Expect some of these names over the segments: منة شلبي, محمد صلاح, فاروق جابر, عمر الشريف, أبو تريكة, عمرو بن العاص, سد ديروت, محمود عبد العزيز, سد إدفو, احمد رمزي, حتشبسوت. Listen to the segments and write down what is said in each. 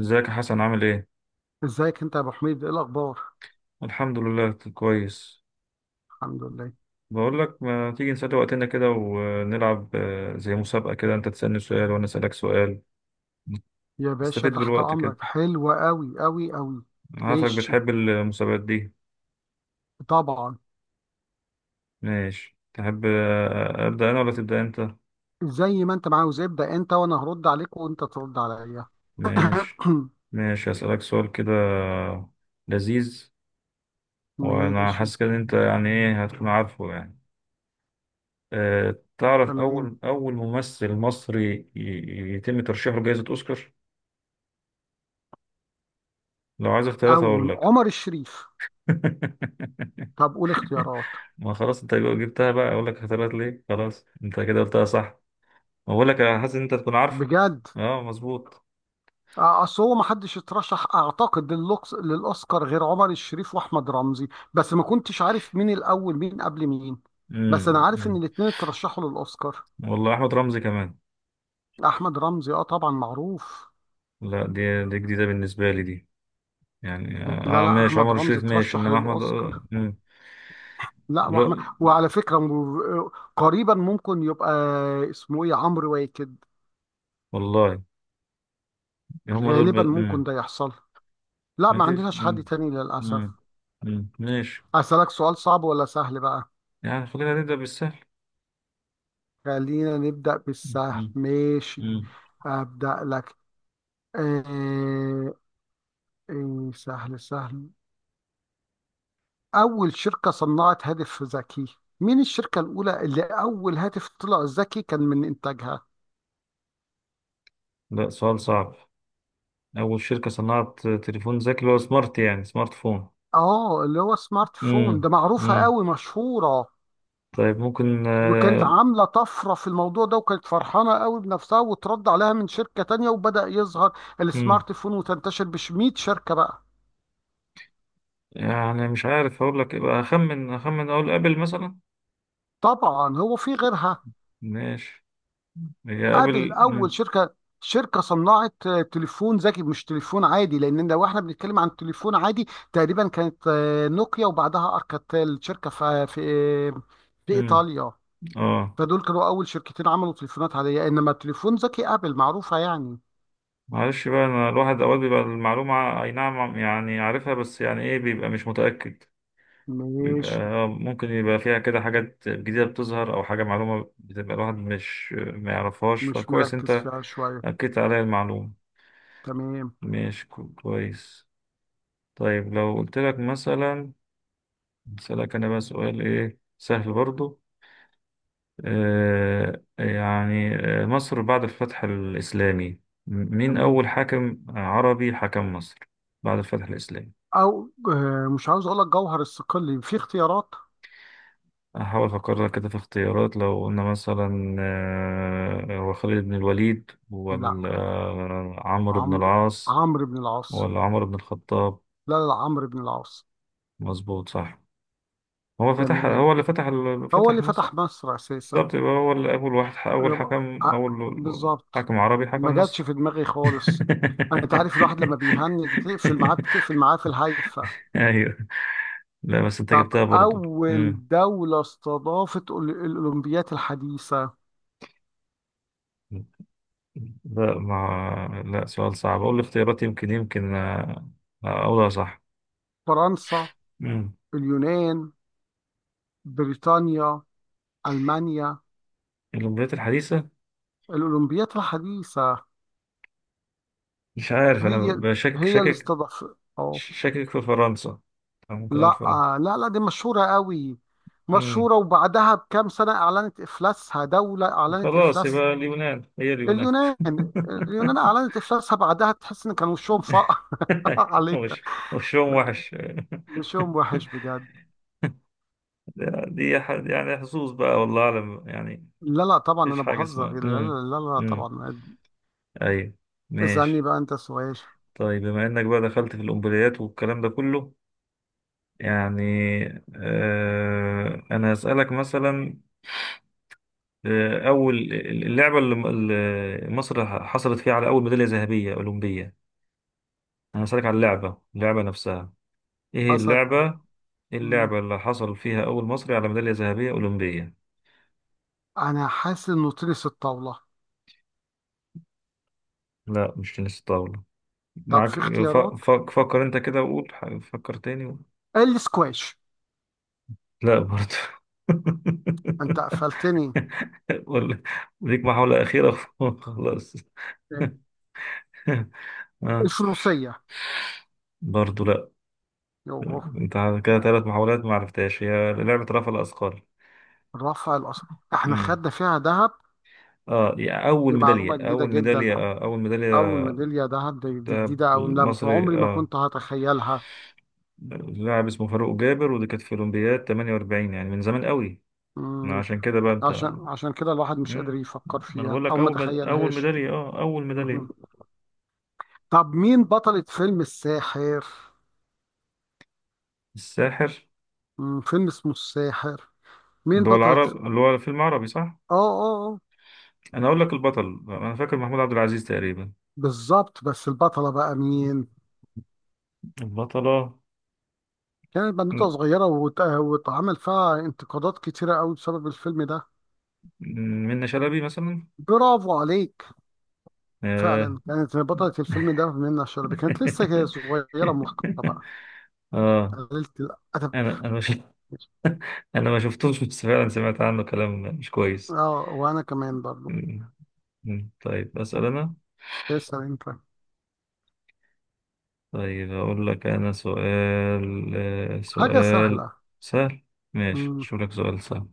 ازيك يا حسن عامل ايه؟ ازيك انت يا ابو حميد؟ ايه الاخبار؟ الحمد لله كويس. الحمد لله. بقول لك ما تيجي نسلي وقتنا كده ونلعب، زي مسابقة كده، انت تسألني سؤال وانا أسألك سؤال. يا باشا، نستفيد تحت بالوقت كده. امرك. حلوة قوي قوي قوي. عارفك ماشي. بتحب المسابقات دي. طبعا. ماشي، تحب، أبدأ انا ولا تبدأ انت؟ زي ما انت عاوز، ابدا انت وانا هرد عليك وانت ترد عليا. ماشي. ماشي، هسألك سؤال كده لذيذ. وانا ماشي. حاسس كده ان انت، يعني ايه، هتكون عارفه يعني. أه، تعرف تمام. اول ممثل مصري يتم ترشيحه لجائزة اوسكار؟ لو عايز اختيارات هقول اول لك. عمر الشريف. طب قول اختيارات. ما خلاص، انت لو جبتها بقى اقول لك اختيارات ليه؟ خلاص انت كده قلتها صح. اقول لك، انا حاسس ان انت تكون عارفه. بجد. اه، مظبوط. اصل هو ما حدش اترشح، اعتقد، للاوسكار غير عمر الشريف واحمد رمزي. بس ما كنتش عارف مين الاول، مين قبل مين. بس انا عارف ان أمم. الاتنين اترشحوا للاوسكار. والله احمد رمزي كمان. احمد رمزي، اه طبعا معروف. لا، دي جديده بالنسبه لي دي. يعني لا، اه لا، ماشي، احمد عمر رمزي الشريف ماشي، ترشح انما احمد آه، للاوسكار. امم لا، لا، واحمد، وعلى فكره قريبا ممكن يبقى اسمه ايه عمرو واكد. والله. هم دول ب... غالبا ممكن امم ده يحصل. لا، ما مفيش عندناش حد امم تاني للاسف. امم. أمم. ماشي. اسالك سؤال صعب ولا سهل بقى؟ يعني خلينا نبدا بالسهل. خلينا نبدا بالسهل، أمم. ماشي. أمم. ابدا لك. آه. آه، سهل سهل. اول شركه صنعت هاتف ذكي. مين الشركه الاولى اللي اول هاتف طلع ذكي كان من انتاجها؟ لا، سؤال صعب. أول شركة صنعت تليفون ذكي هو سمارت، يعني سمارت فون. اه، اللي هو سمارت فون ده امم. معروفة امم. قوي، مشهورة. طيب، ممكن وكانت آه، عاملة طفرة في الموضوع ده، وكانت فرحانة قوي بنفسها، وترد عليها من شركة تانية، وبدأ يظهر امم السمارت فون وتنتشر بش 100 شركة بقى. يعني مش عارف أقول لك، يبقى أخمن أخمن، أقول أبل مثلا. طبعا هو في غيرها. ماشي. هي ابل أبل اول امم شركة. شركة صنعت تليفون ذكي، مش تليفون عادي. لان لو احنا بنتكلم عن تليفون عادي تقريبا كانت نوكيا، وبعدها اركاتيل، شركة في امم ايطاليا. اه، فدول كانوا اول شركتين عملوا تليفونات عاديه، انما تليفون ذكي ابل معروفه يعني. معلش بقى، أنا الواحد أوقات بيبقى المعلومة، أي نعم يعني عارفها، بس يعني إيه، بيبقى مش متأكد. بيبقى مش ممكن يبقى فيها كده حاجات جديدة بتظهر، أو حاجة معلومة بتبقى الواحد مش ما يعرفهاش. مش فكويس مركز أنت فيها شويه. أكدت عليا المعلومة. تمام، ماشي، كويس. طيب لو قلت لك مثلا، أسألك أنا بقى سؤال إيه سهل برضو. يعني، مصر بعد الفتح الإسلامي، مين تمام. أول حاكم عربي حكم مصر بعد الفتح الإسلامي؟ او مش عاوز اقول لك جوهر الصقلي. في اختيارات؟ هحاول أفكر لك كده في اختيارات. لو قلنا مثلا هو خالد بن الوليد لا، ولا عمرو بن عمرو العاص، عمرو بن العاص. ولا عمرو بن الخطاب. لا، لا، لا، عمرو بن العاص. مظبوط، صح. تمام. هو اللي فتح هو فتح اللي مصر. فتح مصر اساسا. بالظبط، يبقى هو ال- أول واحد ح- أول يبقى- حكم آه، أول بالظبط. حكم عربي ما حكم جاتش مصر. في دماغي خالص. انت عارف الواحد لما بيهنج، تقفل معاه بتقفل معاه في الهايفه. أيوه. لا بس أنت طب جبتها برضو. مم. أول دولة استضافت الأولمبيات الحديثة؟ لا، ما لا، سؤال صعب، أقول الاختيارات، يمكن، أقولها صح. فرنسا. مم. اليونان. بريطانيا. ألمانيا. الولايات الحديثة. الأولمبيات الحديثة. مش عارف، أنا هي بشكك، هي اللي شاكك، استضافت، اه. شاكك في فرنسا، أو ممكن أقول لا، فرنسا. لا، لا، دي مشهورة قوي. مم. مشهورة، وبعدها بكام سنة أعلنت إفلاسها، دولة أعلنت خلاص، إفلاس. يبقى اليونان، هي اليونان. اليونان. اليونان أعلنت إفلاسها بعدها، تحس إن كان وشهم فقع. عليها. وشهم وحش. وشهم وحش بجد. دي يعني حظوظ بقى، والله أعلم يعني. لا، لا، طبعا مفيش انا حاجة بهزر. اسمها لا، امم لا، لا، لا، امم. طبعا. أيوة. اسألني ماشي. بقى انت سؤال. طيب بما إنك بقى دخلت في الأمبليات والكلام ده كله، يعني أنا هسألك مثلا، أول اللعبة اللي مصر حصلت فيها على أول ميدالية ذهبية أولمبية. أنا هسألك على اللعبة نفسها، إيه هي حصلت على. اللعبة، إيه مم. اللعبة اللي حصل فيها أول مصري على ميدالية ذهبية أولمبية؟ انا حاسس انه تنس الطاولة. لا، مش تنس الطاولة، طب معاك. في اختيارات؟ فكر انت كده وقول، فكر تاني. السكواش. لا برضه. انت قفلتني. ولا، ليك محاولة أخيرة. خلاص. إيه. آه. الفروسية. برضه لا. يوه. انت كده ثلاث محاولات ما عرفتهاش، هي لعبة رفع الأثقال. رفع الأصل. احنا مم. خدنا فيها ذهب. اه يعني، أول دي ميدالية، معلومة جديدة أول جدا. ميدالية، أول أول ميدالية، ميدالية ذهب دي, ده دي جديدة. أو لا، مصري، عمري ما اه، كنت هتخيلها. لاعب اسمه فاروق جابر، ودي كانت في أولمبياد 48، يعني من زمان قوي. مم. عشان كده بقى انت. عشان كده الواحد مش قادر مم. يفكر ما انا فيها بقول لك، أو ما اول تخيلهاش. ميداليه، اه، اول مهم. ميداليه. طب مين بطلة فيلم الساحر؟ الساحر، فيلم اسمه الساحر. مين بطلة؟ اللي هو فيلم عربي صح. اه، اه، اه. انا اقول لك البطل، انا فاكر محمود عبد العزيز تقريبا. بالظبط، بس البطلة بقى مين؟ البطله، كانت بنوتة م- صغيرة واتعمل فيها انتقادات كتيرة قوي بسبب الفيلم ده. منة شلبي مثلا. برافو عليك. اه. فعلا كانت بطلة الفيلم ده منة شلبي، كانت لسه كده صغيرة محقرة بقى. اه، قللت الأدب. انا مش. انا ما شفتوش بس فعلا سمعت عنه كلام مش كويس. اه، وأنا كمان برضه. مم. مم. طيب اسال انا. اسأل أنت. طيب اقول لك انا سؤال، حاجة سؤال سهلة. سهل. ماشي، مم. شو لك سؤال سهل.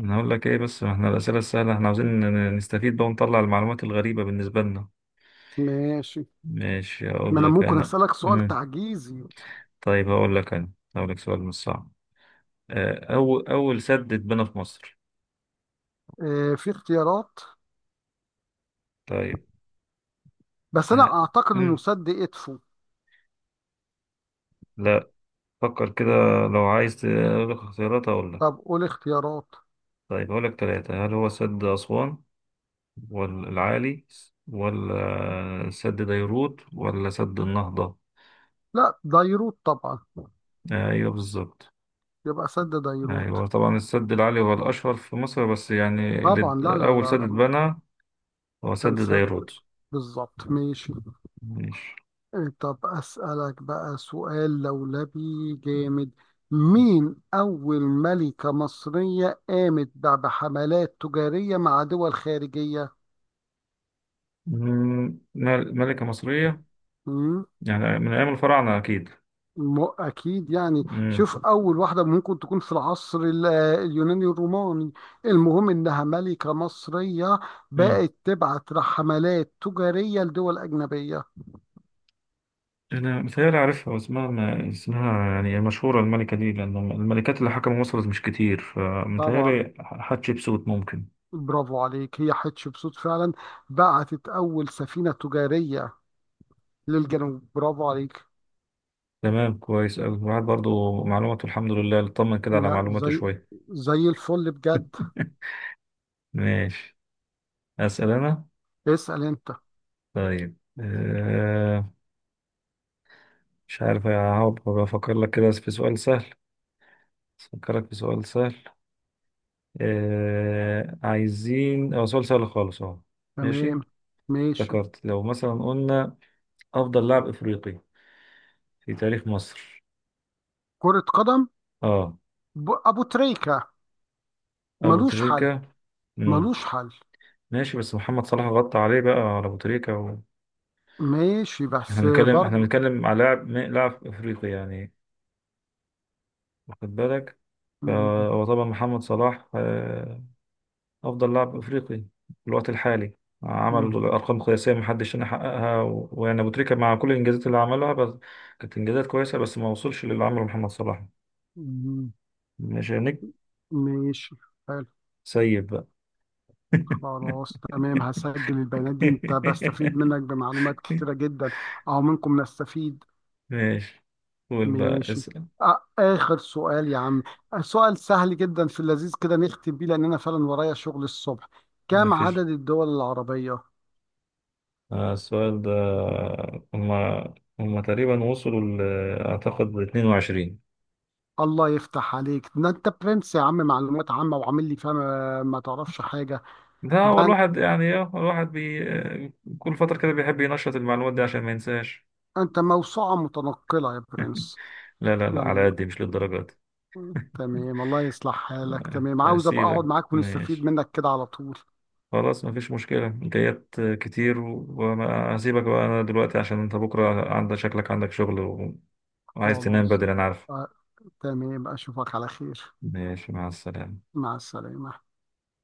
انا هقول لك ايه، بس ما احنا الاسئله السهله، احنا عاوزين نستفيد بقى ونطلع المعلومات الغريبه بالنسبه لنا. ماشي. ماشي، ما هقول أنا لك ممكن انا. أسألك سؤال امم. تعجيزي. طيب هقول لك انا، هقول لك سؤال مش صعب، اول سد اتبنى في مصر. في اختيارات؟ طيب. بس أنا آه، أعتقد إنه مم. سد إدفو. لا، فكر كده. لو عايز اقول لك اختيارات، اقول لك. طب قول اختيارات. طيب هقول لك ثلاثه، هل هو سد اسوان، ولا العالي، ولا سد ديروت، ولا سد النهضه؟ لا، ديروت طبعا. ايوه بالظبط. يبقى سد ديروت. ايوه طبعا السد العالي هو الاشهر في مصر، بس يعني طبعا، لا، لا، اول لا، سد لا. اتبنى هو سد كان سد. دايرود. بالظبط، ماشي. ماشي. إيه، طب أسألك بقى سؤال لولبي. جامد. مين أول ملكة مصرية قامت بحملات تجارية مع دول خارجية؟ مم، ملكة مصرية، مم؟ يعني من أيام الفراعنة أكيد. أكيد يعني. مم. شوف، أول واحدة ممكن تكون في العصر اليوناني الروماني. المهم إنها ملكة مصرية. مم. بقت تبعت حملات تجارية لدول أجنبية. أنا متهيألي عارفها، واسمها، ما اسمها يعني مشهورة الملكة دي، لأن الملكات اللي حكموا مصر مش كتير، طبعا. فمتهيألي حتشبسوت ممكن. برافو عليك، هي حتشبسوت فعلا. بعتت أول سفينة تجارية للجنوب، برافو عليك. تمام، كويس أوي، الواحد برضو معلوماته الحمد لله اطمن كده على لا، معلوماته زي شوية. زي الفل بجد. ماشي، أسأل أنا. اسأل أنت. طيب مش عارف، هقعد بفكر لك كده في سؤال سهل، أفكرك في سؤال سهل. آه، عايزين أو سؤال سهل خالص أهو. تمام. ماشي. ماشي. افتكرت لو مثلا قلنا أفضل لاعب إفريقي في تاريخ مصر. كرة قدم. أه، أبو تريكة. أبو ملوش حل. تريكة. مم. ملوش حل. ماشي بس محمد صلاح غطى عليه بقى، على أبو تريكة. ماشي، بس إحنا برضو. بنتكلم على لاعب، لاعب إفريقي يعني، واخد بالك، م- فهو طبعا محمد صلاح. أفضل لاعب أفريقي في الوقت الحالي، عمل م- أرقام قياسية محدش هنا حققها، ويعني أبو تريكة مع كل الإنجازات اللي عملها، بس كانت إنجازات كويسة، بس ما وصلش للي عمله محمد صلاح. م- مش هنك. ماشي. حلو. سيب بقى. خلاص، تمام، هسجل البيانات دي. انت بستفيد منك بمعلومات كتيرة جدا. اهو منكم نستفيد. ماشي، قول بقى ماشي. اسأل. آخر سؤال يا عم. سؤال سهل جدا في اللذيذ كده نختم بيه، لأن أنا فعلا ورايا شغل الصبح. كم مفيش، عدد الدول العربية؟ السؤال ده، هما هما تقريبا وصلوا أعتقد 22. الله يفتح عليك، ده أنت برنس يا عم، معلومات عامة. وعامل لي فاهم، ما تعرفش حاجة. لا هو ده الواحد يعني إيه، الواحد بي كل فترة كده بيحب ينشط المعلومات دي عشان ما ينساش. أنت موسوعة متنقلة يا برنس. لا لا لا، يلا. على قدي مش للدرجة دي. تمام، الله يصلح حالك. تمام، عاوز أبقى أقعد هسيبك، معاك ونستفيد ماشي. منك كده على طول. خلاص مفيش مشكلة، جايات كتير، وما هسيبك بقى أنا دلوقتي عشان أنت بكرة عندك، شكلك عندك شغل، وعايز تنام خلاص. بدري أنا عارف. آه، تمام، أشوفك على خير. ماشي، مع السلامة. مع السلامة.